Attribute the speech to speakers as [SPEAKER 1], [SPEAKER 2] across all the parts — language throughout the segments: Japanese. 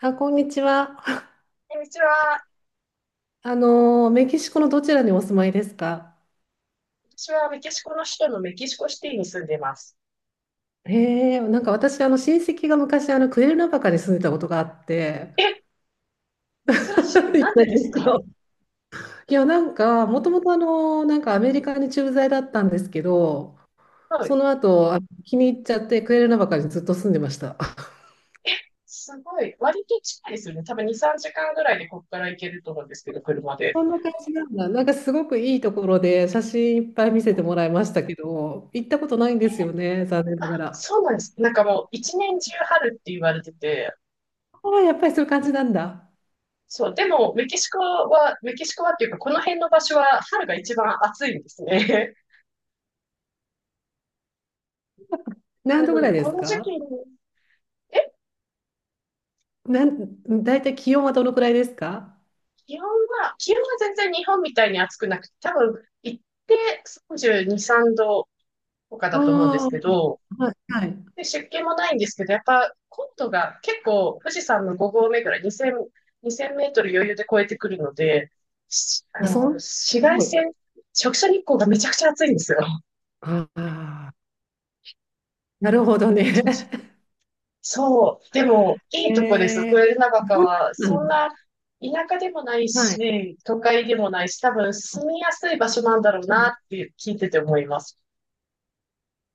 [SPEAKER 1] あ、こんにちは。
[SPEAKER 2] でうちは、
[SPEAKER 1] メキシコのどちらにお住まいですか？
[SPEAKER 2] 私はメキシコの首都のメキシコシティに住んでます。
[SPEAKER 1] へえ、なんか私、親戚が昔、クエルナバカに住んでたことがあって、
[SPEAKER 2] え、珍しい。
[SPEAKER 1] な
[SPEAKER 2] なんでで
[SPEAKER 1] ん
[SPEAKER 2] す
[SPEAKER 1] です
[SPEAKER 2] か？
[SPEAKER 1] よ。いや、なんか、もともと、なんかアメリカに駐在だったんですけど、
[SPEAKER 2] は
[SPEAKER 1] そ
[SPEAKER 2] い。
[SPEAKER 1] の後、気に入っちゃって、クエルナバカにずっと住んでました。
[SPEAKER 2] え、すごい。割と近いですよね。多分2、3時間ぐらいでここから行けると思うんですけど、車で。
[SPEAKER 1] そんな感じなんだ。なんか、すごくいいところで、写真いっぱい見せ
[SPEAKER 2] う
[SPEAKER 1] て
[SPEAKER 2] ん。
[SPEAKER 1] もらいましたけど、行ったことないんですよね、残念なが
[SPEAKER 2] あ、
[SPEAKER 1] ら。
[SPEAKER 2] そうなんです。なんかもう一年中春って言われてて、
[SPEAKER 1] ああ、やっぱりそういう感じなんだ。
[SPEAKER 2] そう、でもメキシコは、メキシコはっていうかこの辺の場所は春が一番暑いんですね。
[SPEAKER 1] 何
[SPEAKER 2] な
[SPEAKER 1] 度ぐ
[SPEAKER 2] の
[SPEAKER 1] ら
[SPEAKER 2] で、
[SPEAKER 1] いで
[SPEAKER 2] こ
[SPEAKER 1] す
[SPEAKER 2] の時期
[SPEAKER 1] か？
[SPEAKER 2] に。え、
[SPEAKER 1] 大体気温はどのくらいですか？
[SPEAKER 2] 気温気温は全然日本みたいに暑くなくて、多分、行って32、3度とか
[SPEAKER 1] あ
[SPEAKER 2] だと思うんです
[SPEAKER 1] あ
[SPEAKER 2] け
[SPEAKER 1] ー、
[SPEAKER 2] ど、
[SPEAKER 1] はい、はい。
[SPEAKER 2] で、湿気もないんですけど、やっぱ、高度が結構、富士山の5合目ぐらい、2000、にせんメートル余裕で超えてくるので、あ
[SPEAKER 1] あ、
[SPEAKER 2] の、
[SPEAKER 1] す
[SPEAKER 2] 紫外
[SPEAKER 1] ごい。
[SPEAKER 2] 線、直射日光がめちゃくちゃ暑いんですよ。
[SPEAKER 1] ああ、なるほどね。
[SPEAKER 2] そう、そう。でも、い いとこです。
[SPEAKER 1] へえー、
[SPEAKER 2] 豊永川
[SPEAKER 1] そ
[SPEAKER 2] は、
[SPEAKER 1] うなん
[SPEAKER 2] そん
[SPEAKER 1] だ。
[SPEAKER 2] な田舎でもない
[SPEAKER 1] はい。
[SPEAKER 2] し、都会でもないし、多分住みやすい場所なんだろうな
[SPEAKER 1] ね。
[SPEAKER 2] って聞いてて思います。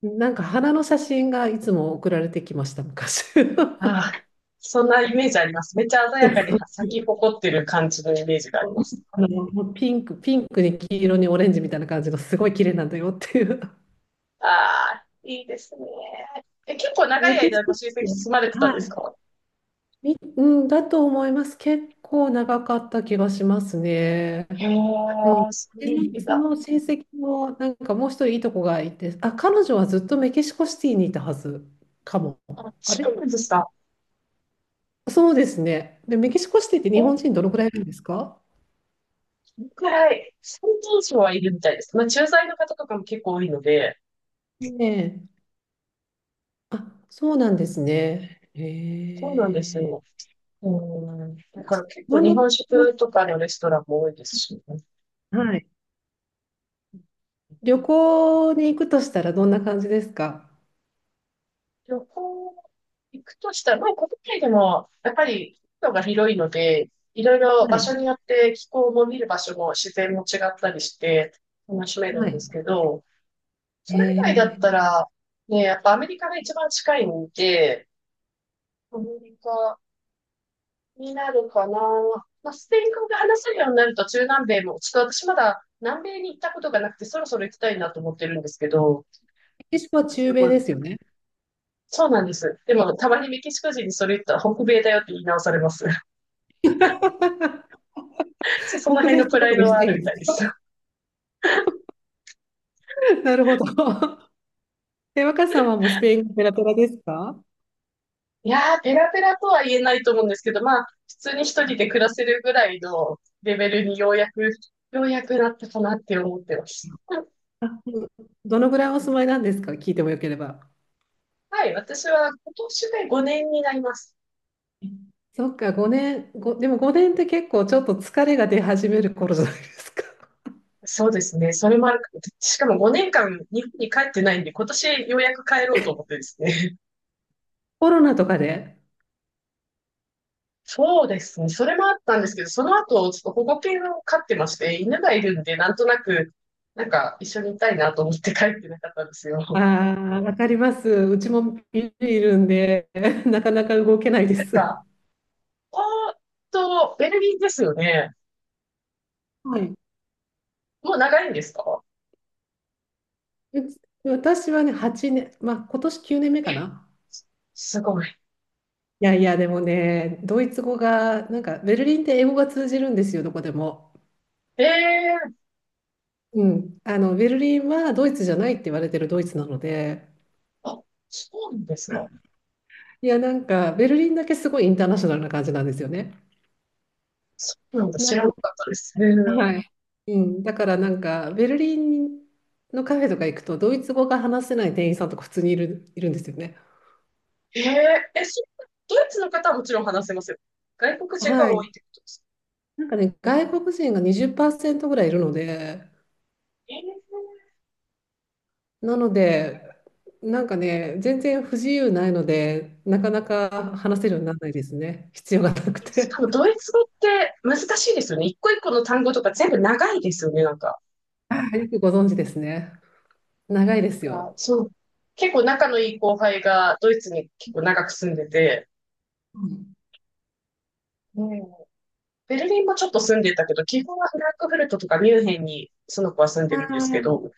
[SPEAKER 1] なんか花の写真がいつも送られてきました、昔。そ
[SPEAKER 2] ああ、そんなイメージあります。めっちゃ鮮や
[SPEAKER 1] う
[SPEAKER 2] かに
[SPEAKER 1] そう。
[SPEAKER 2] 咲き誇ってる感じのイメージがありま す。
[SPEAKER 1] もうピンクに黄色にオレンジみたいな感じのすごい綺麗なんだよっていう。
[SPEAKER 2] ああ、いいですね。え、結構長
[SPEAKER 1] メ
[SPEAKER 2] い
[SPEAKER 1] キシ
[SPEAKER 2] 間
[SPEAKER 1] コ
[SPEAKER 2] ご
[SPEAKER 1] っ
[SPEAKER 2] 親戚
[SPEAKER 1] て、は
[SPEAKER 2] 住まれてたんです
[SPEAKER 1] い、
[SPEAKER 2] か？
[SPEAKER 1] うん、だと思います。結構長かった気がしますね。
[SPEAKER 2] へえ、
[SPEAKER 1] うん。
[SPEAKER 2] そう
[SPEAKER 1] で、
[SPEAKER 2] な
[SPEAKER 1] な
[SPEAKER 2] ん
[SPEAKER 1] んかそ
[SPEAKER 2] だ。
[SPEAKER 1] の成績も、なんかもう一人いいとこがいて、あ、彼女はずっとメキシコシティにいたはずかも。
[SPEAKER 2] あ、
[SPEAKER 1] あ
[SPEAKER 2] そう
[SPEAKER 1] れ、
[SPEAKER 2] なんですか。
[SPEAKER 1] そうですね。で、メキシコシティって日
[SPEAKER 2] お、
[SPEAKER 1] 本人どのくらいいるんですか？
[SPEAKER 2] くらい、最近以上はいるみたいです。まあ、駐在の方とかも結構多いので、
[SPEAKER 1] ねえ。あ、そうなんですね。へ
[SPEAKER 2] そうなんです
[SPEAKER 1] え。
[SPEAKER 2] よ。うん。だから結構
[SPEAKER 1] どん
[SPEAKER 2] 日
[SPEAKER 1] な、
[SPEAKER 2] 本食とかのレストランも多いですし、ね、
[SPEAKER 1] はい。旅行に行くとしたらどんな感じですか？
[SPEAKER 2] 旅行行くとしたら、まあ国内でもやっぱり国土が広いので、いろいろ
[SPEAKER 1] は
[SPEAKER 2] 場
[SPEAKER 1] い。
[SPEAKER 2] 所によって気候も見る場所も自然も違ったりして楽しめる
[SPEAKER 1] は
[SPEAKER 2] んで
[SPEAKER 1] い。
[SPEAKER 2] すけど、
[SPEAKER 1] へ
[SPEAKER 2] それ以外だっ
[SPEAKER 1] え。
[SPEAKER 2] た
[SPEAKER 1] メ
[SPEAKER 2] ら、ね、やっぱアメリカが一番近いんで、アメリカになるかな。まあ、スペイン語が話せるようになると中南米も、ちょっと私まだ南米に行ったことがなくて、そろそろ行きたいなと思ってるんですけど、
[SPEAKER 1] キシコ
[SPEAKER 2] な
[SPEAKER 1] は
[SPEAKER 2] んか
[SPEAKER 1] 中
[SPEAKER 2] す
[SPEAKER 1] 米
[SPEAKER 2] ご
[SPEAKER 1] で
[SPEAKER 2] い。
[SPEAKER 1] すよね。
[SPEAKER 2] そうなんです。でも、たまにメキシコ人にそれ言ったら北米だよって言い直されます。その
[SPEAKER 1] 北
[SPEAKER 2] 辺
[SPEAKER 1] 米
[SPEAKER 2] の
[SPEAKER 1] って
[SPEAKER 2] プ
[SPEAKER 1] こ
[SPEAKER 2] ラ
[SPEAKER 1] と
[SPEAKER 2] イ
[SPEAKER 1] に
[SPEAKER 2] ド
[SPEAKER 1] し
[SPEAKER 2] は
[SPEAKER 1] た
[SPEAKER 2] ある
[SPEAKER 1] いん
[SPEAKER 2] みた
[SPEAKER 1] で
[SPEAKER 2] い
[SPEAKER 1] す
[SPEAKER 2] です。
[SPEAKER 1] よ。なるほど。え、若さんはもうスペインがペラペラですか？
[SPEAKER 2] いやー、ペラペラとは言えないと思うんですけど、まあ、普通に一人で暮らせるぐらいのレベルにようやくなったかなって思ってます。
[SPEAKER 1] うん。どのぐらいお住まいなんですか、聞いてもよければ。
[SPEAKER 2] はい、私は今年で5年になります。
[SPEAKER 1] そっか、5年、でも5年って結構ちょっと疲れが出始める頃じゃないですか。
[SPEAKER 2] そうですね。それもあるか。しかも5年間日本に帰ってないんで、今年ようやく帰ろうと思ってですね。
[SPEAKER 1] コロナとかで。
[SPEAKER 2] そうですね。それもあったんですけど、その後、ちょっと保護犬を飼ってまして、犬がいるんで、なんとなく、なんか一緒にいたいなと思って帰ってなかったんですよ。なん
[SPEAKER 1] ああ、わかります。うちもビビいるんで、なかなか動けないです。
[SPEAKER 2] か、おーっと、ベルギーですよね。
[SPEAKER 1] はい。
[SPEAKER 2] もう長いんですか？
[SPEAKER 1] 私はね、8年、まあ今年9年目か
[SPEAKER 2] え、
[SPEAKER 1] な。
[SPEAKER 2] すすごい。
[SPEAKER 1] いやいや、でもね、ドイツ語が、なんかベルリンって英語が通じるんですよ、どこでも。
[SPEAKER 2] ええー、
[SPEAKER 1] うん、ベルリンはドイツじゃないって言われてるドイツなので、
[SPEAKER 2] あ、そうなんですか。
[SPEAKER 1] いや、なんかベルリンだけすごいインターナショナルな感じなんですよね。
[SPEAKER 2] そうなんだ。
[SPEAKER 1] な
[SPEAKER 2] 知らな
[SPEAKER 1] の、
[SPEAKER 2] かったです。へー、
[SPEAKER 1] はい。うん、だからなんかベルリンのカフェとか行くとドイツ語が話せない店員さんとか普通にいるんですよね。
[SPEAKER 2] えええ、そう、ドイツの方はもちろん話せますよ。外国人が
[SPEAKER 1] は
[SPEAKER 2] 多
[SPEAKER 1] い。
[SPEAKER 2] いってことですか。
[SPEAKER 1] なんかね、外国人が20%ぐらいいるので、
[SPEAKER 2] ええ。
[SPEAKER 1] なので、なんかね、全然不自由ないので、なかな
[SPEAKER 2] う
[SPEAKER 1] か
[SPEAKER 2] ん。
[SPEAKER 1] 話せるようにならないですね。必要がなく
[SPEAKER 2] え、しか
[SPEAKER 1] て。
[SPEAKER 2] もドイツ語って難しいですよね。一個一個の単語とか全部長いですよね、なんか。
[SPEAKER 1] あ、よくご存知ですね。長いです
[SPEAKER 2] あ、
[SPEAKER 1] よ。
[SPEAKER 2] そう。結構仲のいい後輩がドイツに結構長く住んでて、
[SPEAKER 1] うん。
[SPEAKER 2] うん、ベルリンもちょっと住んでたけど、基本はフランクフルトとかミュンヘンにその子は住んでるんですけ
[SPEAKER 1] あ
[SPEAKER 2] ど、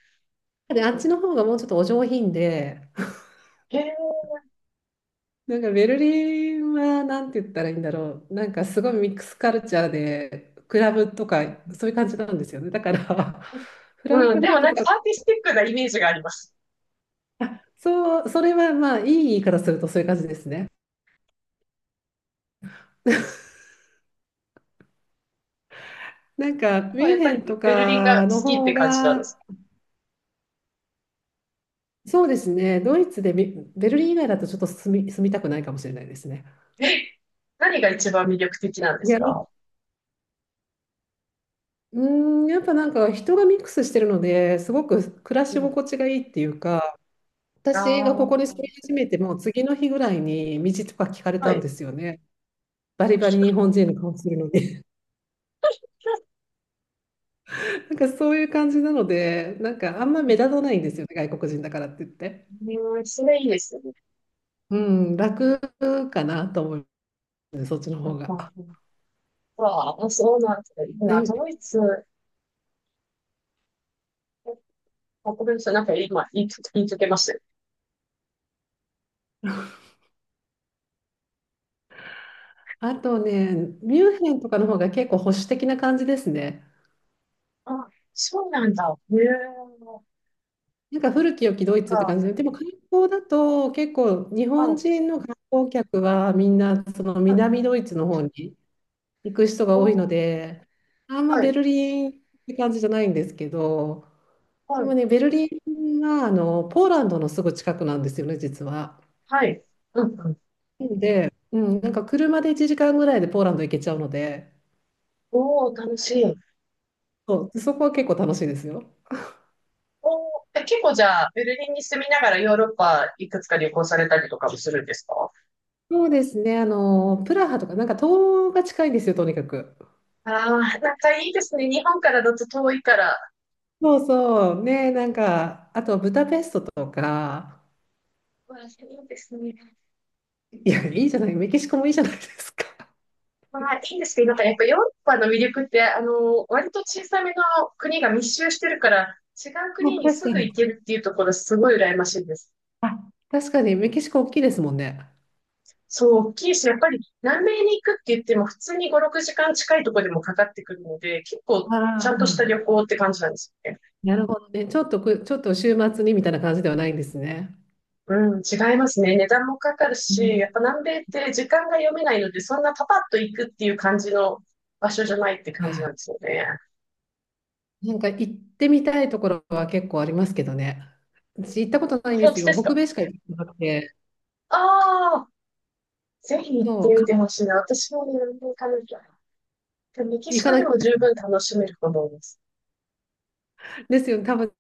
[SPEAKER 1] あ。で、あっちの方がもうちょっとお上品で、
[SPEAKER 2] へえ、
[SPEAKER 1] なんかベルリンはなんて言ったらいいんだろう。なんかすごいミックスカルチャーで、クラブとかそういう感じなんですよね。だから、フラン
[SPEAKER 2] うん、
[SPEAKER 1] クフ
[SPEAKER 2] で
[SPEAKER 1] ル
[SPEAKER 2] も
[SPEAKER 1] ト
[SPEAKER 2] なん
[SPEAKER 1] と
[SPEAKER 2] か
[SPEAKER 1] か、
[SPEAKER 2] アーティスティックなイメージがあります。
[SPEAKER 1] そう、それはまあいい言い方するとそういう感じですね。なんか
[SPEAKER 2] で
[SPEAKER 1] ミ
[SPEAKER 2] も
[SPEAKER 1] ュ
[SPEAKER 2] や
[SPEAKER 1] ン
[SPEAKER 2] っぱ
[SPEAKER 1] ヘンと
[SPEAKER 2] りベルリンが好
[SPEAKER 1] かの
[SPEAKER 2] きって
[SPEAKER 1] 方
[SPEAKER 2] 感じなんで
[SPEAKER 1] が、
[SPEAKER 2] す。
[SPEAKER 1] そうですね、ドイツでベルリン以外だとちょっと住みたくないかもしれないですね。
[SPEAKER 2] え、何が一番魅力的なんで
[SPEAKER 1] い
[SPEAKER 2] す
[SPEAKER 1] や、
[SPEAKER 2] か？
[SPEAKER 1] うーん、やっぱなんか人がミックスしてるので、すごく暮ら
[SPEAKER 2] う
[SPEAKER 1] し
[SPEAKER 2] ん。
[SPEAKER 1] 心地がいいっていうか、
[SPEAKER 2] あ
[SPEAKER 1] 私がここに
[SPEAKER 2] あ、
[SPEAKER 1] 住み始めてもう次の日ぐらいに道とか聞かれ
[SPEAKER 2] は
[SPEAKER 1] たん
[SPEAKER 2] い。
[SPEAKER 1] ですよね。バリバリ日本人の顔するので。なんかそういう感じなので、なんかあんま目立たないんですよね、外国人だからって言って。
[SPEAKER 2] うん、それいいですよね。
[SPEAKER 1] うん、楽かなと思う、そっちの
[SPEAKER 2] うん
[SPEAKER 1] 方
[SPEAKER 2] うん
[SPEAKER 1] が。
[SPEAKER 2] うん。わあ、そうなんですね。いいな
[SPEAKER 1] で、
[SPEAKER 2] ドイツ。え、あ、ごめんなさい。なんか今、言いつけましたよ。
[SPEAKER 1] あとね、ミュンヘンとかの方が結構保守的な感じですね。
[SPEAKER 2] あ、そうなんだ。へえ、なん
[SPEAKER 1] なんか古き良きドイツって
[SPEAKER 2] か。
[SPEAKER 1] 感じで、でも観光だと結構日本
[SPEAKER 2] あ、
[SPEAKER 1] 人の観光客はみんなその
[SPEAKER 2] はい。
[SPEAKER 1] 南ドイツの方に行く人が
[SPEAKER 2] お
[SPEAKER 1] 多いの
[SPEAKER 2] ー、
[SPEAKER 1] で、あんま
[SPEAKER 2] は
[SPEAKER 1] ベ
[SPEAKER 2] い。
[SPEAKER 1] ルリンって感じじゃないんですけど、
[SPEAKER 2] は
[SPEAKER 1] でも
[SPEAKER 2] い。
[SPEAKER 1] ね、ベルリンはポーランドのすぐ近くなんですよね、実は。
[SPEAKER 2] はい。うんうん。
[SPEAKER 1] なので、うん、なんか車で1時間ぐらいでポーランド行けちゃうので、
[SPEAKER 2] おー、楽しい。
[SPEAKER 1] そう、そこは結構楽しいですよ。
[SPEAKER 2] おー、え、結構じゃあ、ベルリンに住みながらヨーロッパいくつか旅行されたりとかもするんですか？
[SPEAKER 1] そうですね、プラハとか、なんか東が近いんですよ、とにかく。
[SPEAKER 2] ああ、なんかいいですね。日本からだと遠いから。
[SPEAKER 1] そうそう。ね、なんか、あとブダペストとか、
[SPEAKER 2] まあ、いいですね。
[SPEAKER 1] いや、いいじゃない、メキシコもいいじゃないですか。あ、
[SPEAKER 2] まあ、いいですけど、なんかやっぱヨーロッパの魅力って、あの、割と小さめの国が密集してるから、違う国に
[SPEAKER 1] 確
[SPEAKER 2] す
[SPEAKER 1] か
[SPEAKER 2] ぐ
[SPEAKER 1] に。
[SPEAKER 2] 行けるっていうところすごい羨ましいです。
[SPEAKER 1] あ、確かにメキシコ大きいですもんね。
[SPEAKER 2] そう、大きいし、やっぱり南米に行くって言っても普通に5、6時間近いところでもかかってくるので、結構ちゃ
[SPEAKER 1] あ
[SPEAKER 2] んとした
[SPEAKER 1] あ、
[SPEAKER 2] 旅行って感じなんです。
[SPEAKER 1] なるほどね。ちょっと週末にみたいな感じではないんですね。
[SPEAKER 2] うん、違いますね。値段もかかる
[SPEAKER 1] う
[SPEAKER 2] し、や
[SPEAKER 1] ん。
[SPEAKER 2] っぱ南米って時間が読めないので、そんなパパッと行くっていう感じの場所じゃないって感じ
[SPEAKER 1] あ、
[SPEAKER 2] なんですよね。
[SPEAKER 1] なんか行ってみたいところは結構ありますけどね。私行ったことな
[SPEAKER 2] あ、
[SPEAKER 1] いんで
[SPEAKER 2] 本
[SPEAKER 1] す
[SPEAKER 2] 当で
[SPEAKER 1] よ。
[SPEAKER 2] す
[SPEAKER 1] 北
[SPEAKER 2] か？
[SPEAKER 1] 米しか行ってなくて。
[SPEAKER 2] ああ、ぜひ行っ
[SPEAKER 1] そ
[SPEAKER 2] て
[SPEAKER 1] う、
[SPEAKER 2] みてほしいな。私もね、南米行かなきゃ。でメキ
[SPEAKER 1] 行
[SPEAKER 2] シ
[SPEAKER 1] か
[SPEAKER 2] コ
[SPEAKER 1] な
[SPEAKER 2] で
[SPEAKER 1] きゃ。
[SPEAKER 2] も十分楽しめると思います。
[SPEAKER 1] ですよね。多分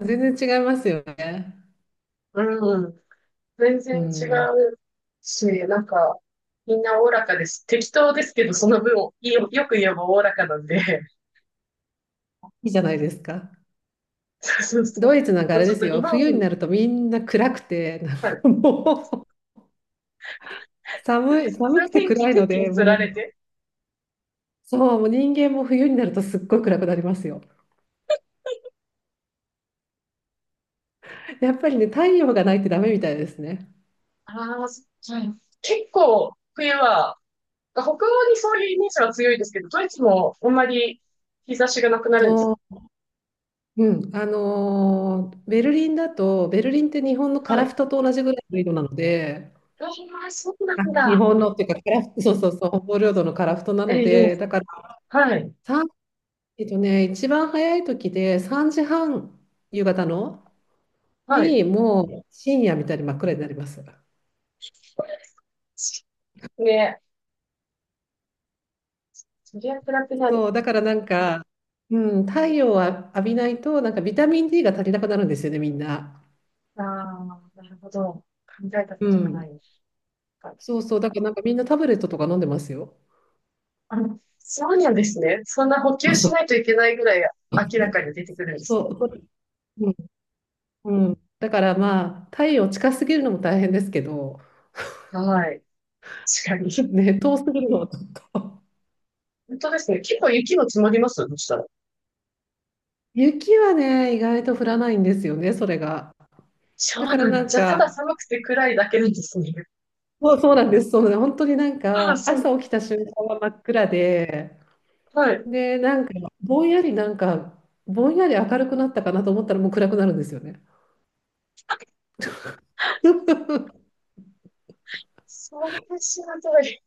[SPEAKER 1] 全然違いますよね。
[SPEAKER 2] うん、全
[SPEAKER 1] う
[SPEAKER 2] 然違
[SPEAKER 1] ん。
[SPEAKER 2] うし、なんか、みんなおおらかです。適当ですけど、その分、よく言えばおおらかなんで。
[SPEAKER 1] いいじゃないですか。
[SPEAKER 2] そうそうそう。
[SPEAKER 1] ドイツなんかあ
[SPEAKER 2] もう
[SPEAKER 1] れ
[SPEAKER 2] ちょ
[SPEAKER 1] で
[SPEAKER 2] っ
[SPEAKER 1] す
[SPEAKER 2] と日
[SPEAKER 1] よ、
[SPEAKER 2] 本。
[SPEAKER 1] 冬になるとみんな暗くて、なん
[SPEAKER 2] はい。
[SPEAKER 1] かもう
[SPEAKER 2] そうで
[SPEAKER 1] 寒い、
[SPEAKER 2] す。そ
[SPEAKER 1] 寒
[SPEAKER 2] れは
[SPEAKER 1] くて
[SPEAKER 2] 天気、
[SPEAKER 1] 暗い
[SPEAKER 2] 天
[SPEAKER 1] の
[SPEAKER 2] 気
[SPEAKER 1] で、
[SPEAKER 2] に
[SPEAKER 1] も
[SPEAKER 2] 釣
[SPEAKER 1] うな
[SPEAKER 2] ら
[SPEAKER 1] ん
[SPEAKER 2] れ
[SPEAKER 1] か、
[SPEAKER 2] て。
[SPEAKER 1] そう、もう人間も冬になるとすっごい暗くなりますよ。やっぱりね、太陽がないってダメみたいですね。
[SPEAKER 2] ああ、はい。結構、冬は、北欧にそういうイメージは強いですけど、ドイツもあんまり日差しがなくなるんです。
[SPEAKER 1] そう、うん、ベルリンって日本の
[SPEAKER 2] は
[SPEAKER 1] 樺
[SPEAKER 2] い。
[SPEAKER 1] 太と同じぐらいの色なので、
[SPEAKER 2] ああ、そうな
[SPEAKER 1] あ、
[SPEAKER 2] ん
[SPEAKER 1] 日
[SPEAKER 2] だ。
[SPEAKER 1] 本のっていうか、樺太そうそうそう、北方領土の樺太なの
[SPEAKER 2] え
[SPEAKER 1] で、
[SPEAKER 2] え、
[SPEAKER 1] だから、
[SPEAKER 2] はい。
[SPEAKER 1] さん一番早い時で3時半、夕方の。
[SPEAKER 2] はい。
[SPEAKER 1] に、もう深夜みたいに真っ暗になります。
[SPEAKER 2] ね、そりゃ暗くなる。
[SPEAKER 1] そう、だからなんか、うん、太陽を浴びないと、なんかビタミン D が足りなくなるんですよね、みんな。
[SPEAKER 2] ああ、なるほど。考えたこ
[SPEAKER 1] う
[SPEAKER 2] とが
[SPEAKER 1] ん。
[SPEAKER 2] ないです。
[SPEAKER 1] そうそう、だからなんかみんなタブレットとか飲んでますよ。
[SPEAKER 2] あの、そうなんですね。そんな補
[SPEAKER 1] そ
[SPEAKER 2] 給
[SPEAKER 1] うそ
[SPEAKER 2] し
[SPEAKER 1] う。
[SPEAKER 2] ないといけないぐらい明らかに出てくるんです
[SPEAKER 1] そ
[SPEAKER 2] ね。
[SPEAKER 1] う、うん、うん、だからまあ、太陽近すぎるのも大変ですけど、
[SPEAKER 2] はい。確かに。
[SPEAKER 1] ね、遠すぎるのはちょっと。
[SPEAKER 2] 本当ですね。結構雪も積もりますどうしたら。
[SPEAKER 1] 雪はね、意外と降らないんですよね、それが。
[SPEAKER 2] そ
[SPEAKER 1] だ
[SPEAKER 2] う
[SPEAKER 1] か
[SPEAKER 2] な
[SPEAKER 1] ら
[SPEAKER 2] ん
[SPEAKER 1] な
[SPEAKER 2] だ。
[SPEAKER 1] ん
[SPEAKER 2] じゃあ、ただ
[SPEAKER 1] か、
[SPEAKER 2] 寒くて暗いだけなんですね。
[SPEAKER 1] そう、そうなんです、そうなんです、本当になん
[SPEAKER 2] ああ、
[SPEAKER 1] か、
[SPEAKER 2] そう。
[SPEAKER 1] 朝起きた瞬間は真っ暗で、
[SPEAKER 2] はい。
[SPEAKER 1] で、なんか、ぼんやりなんか、ぼんやり明るくなったかなと思ったらもう暗くなるんですよね。
[SPEAKER 2] それ知らない。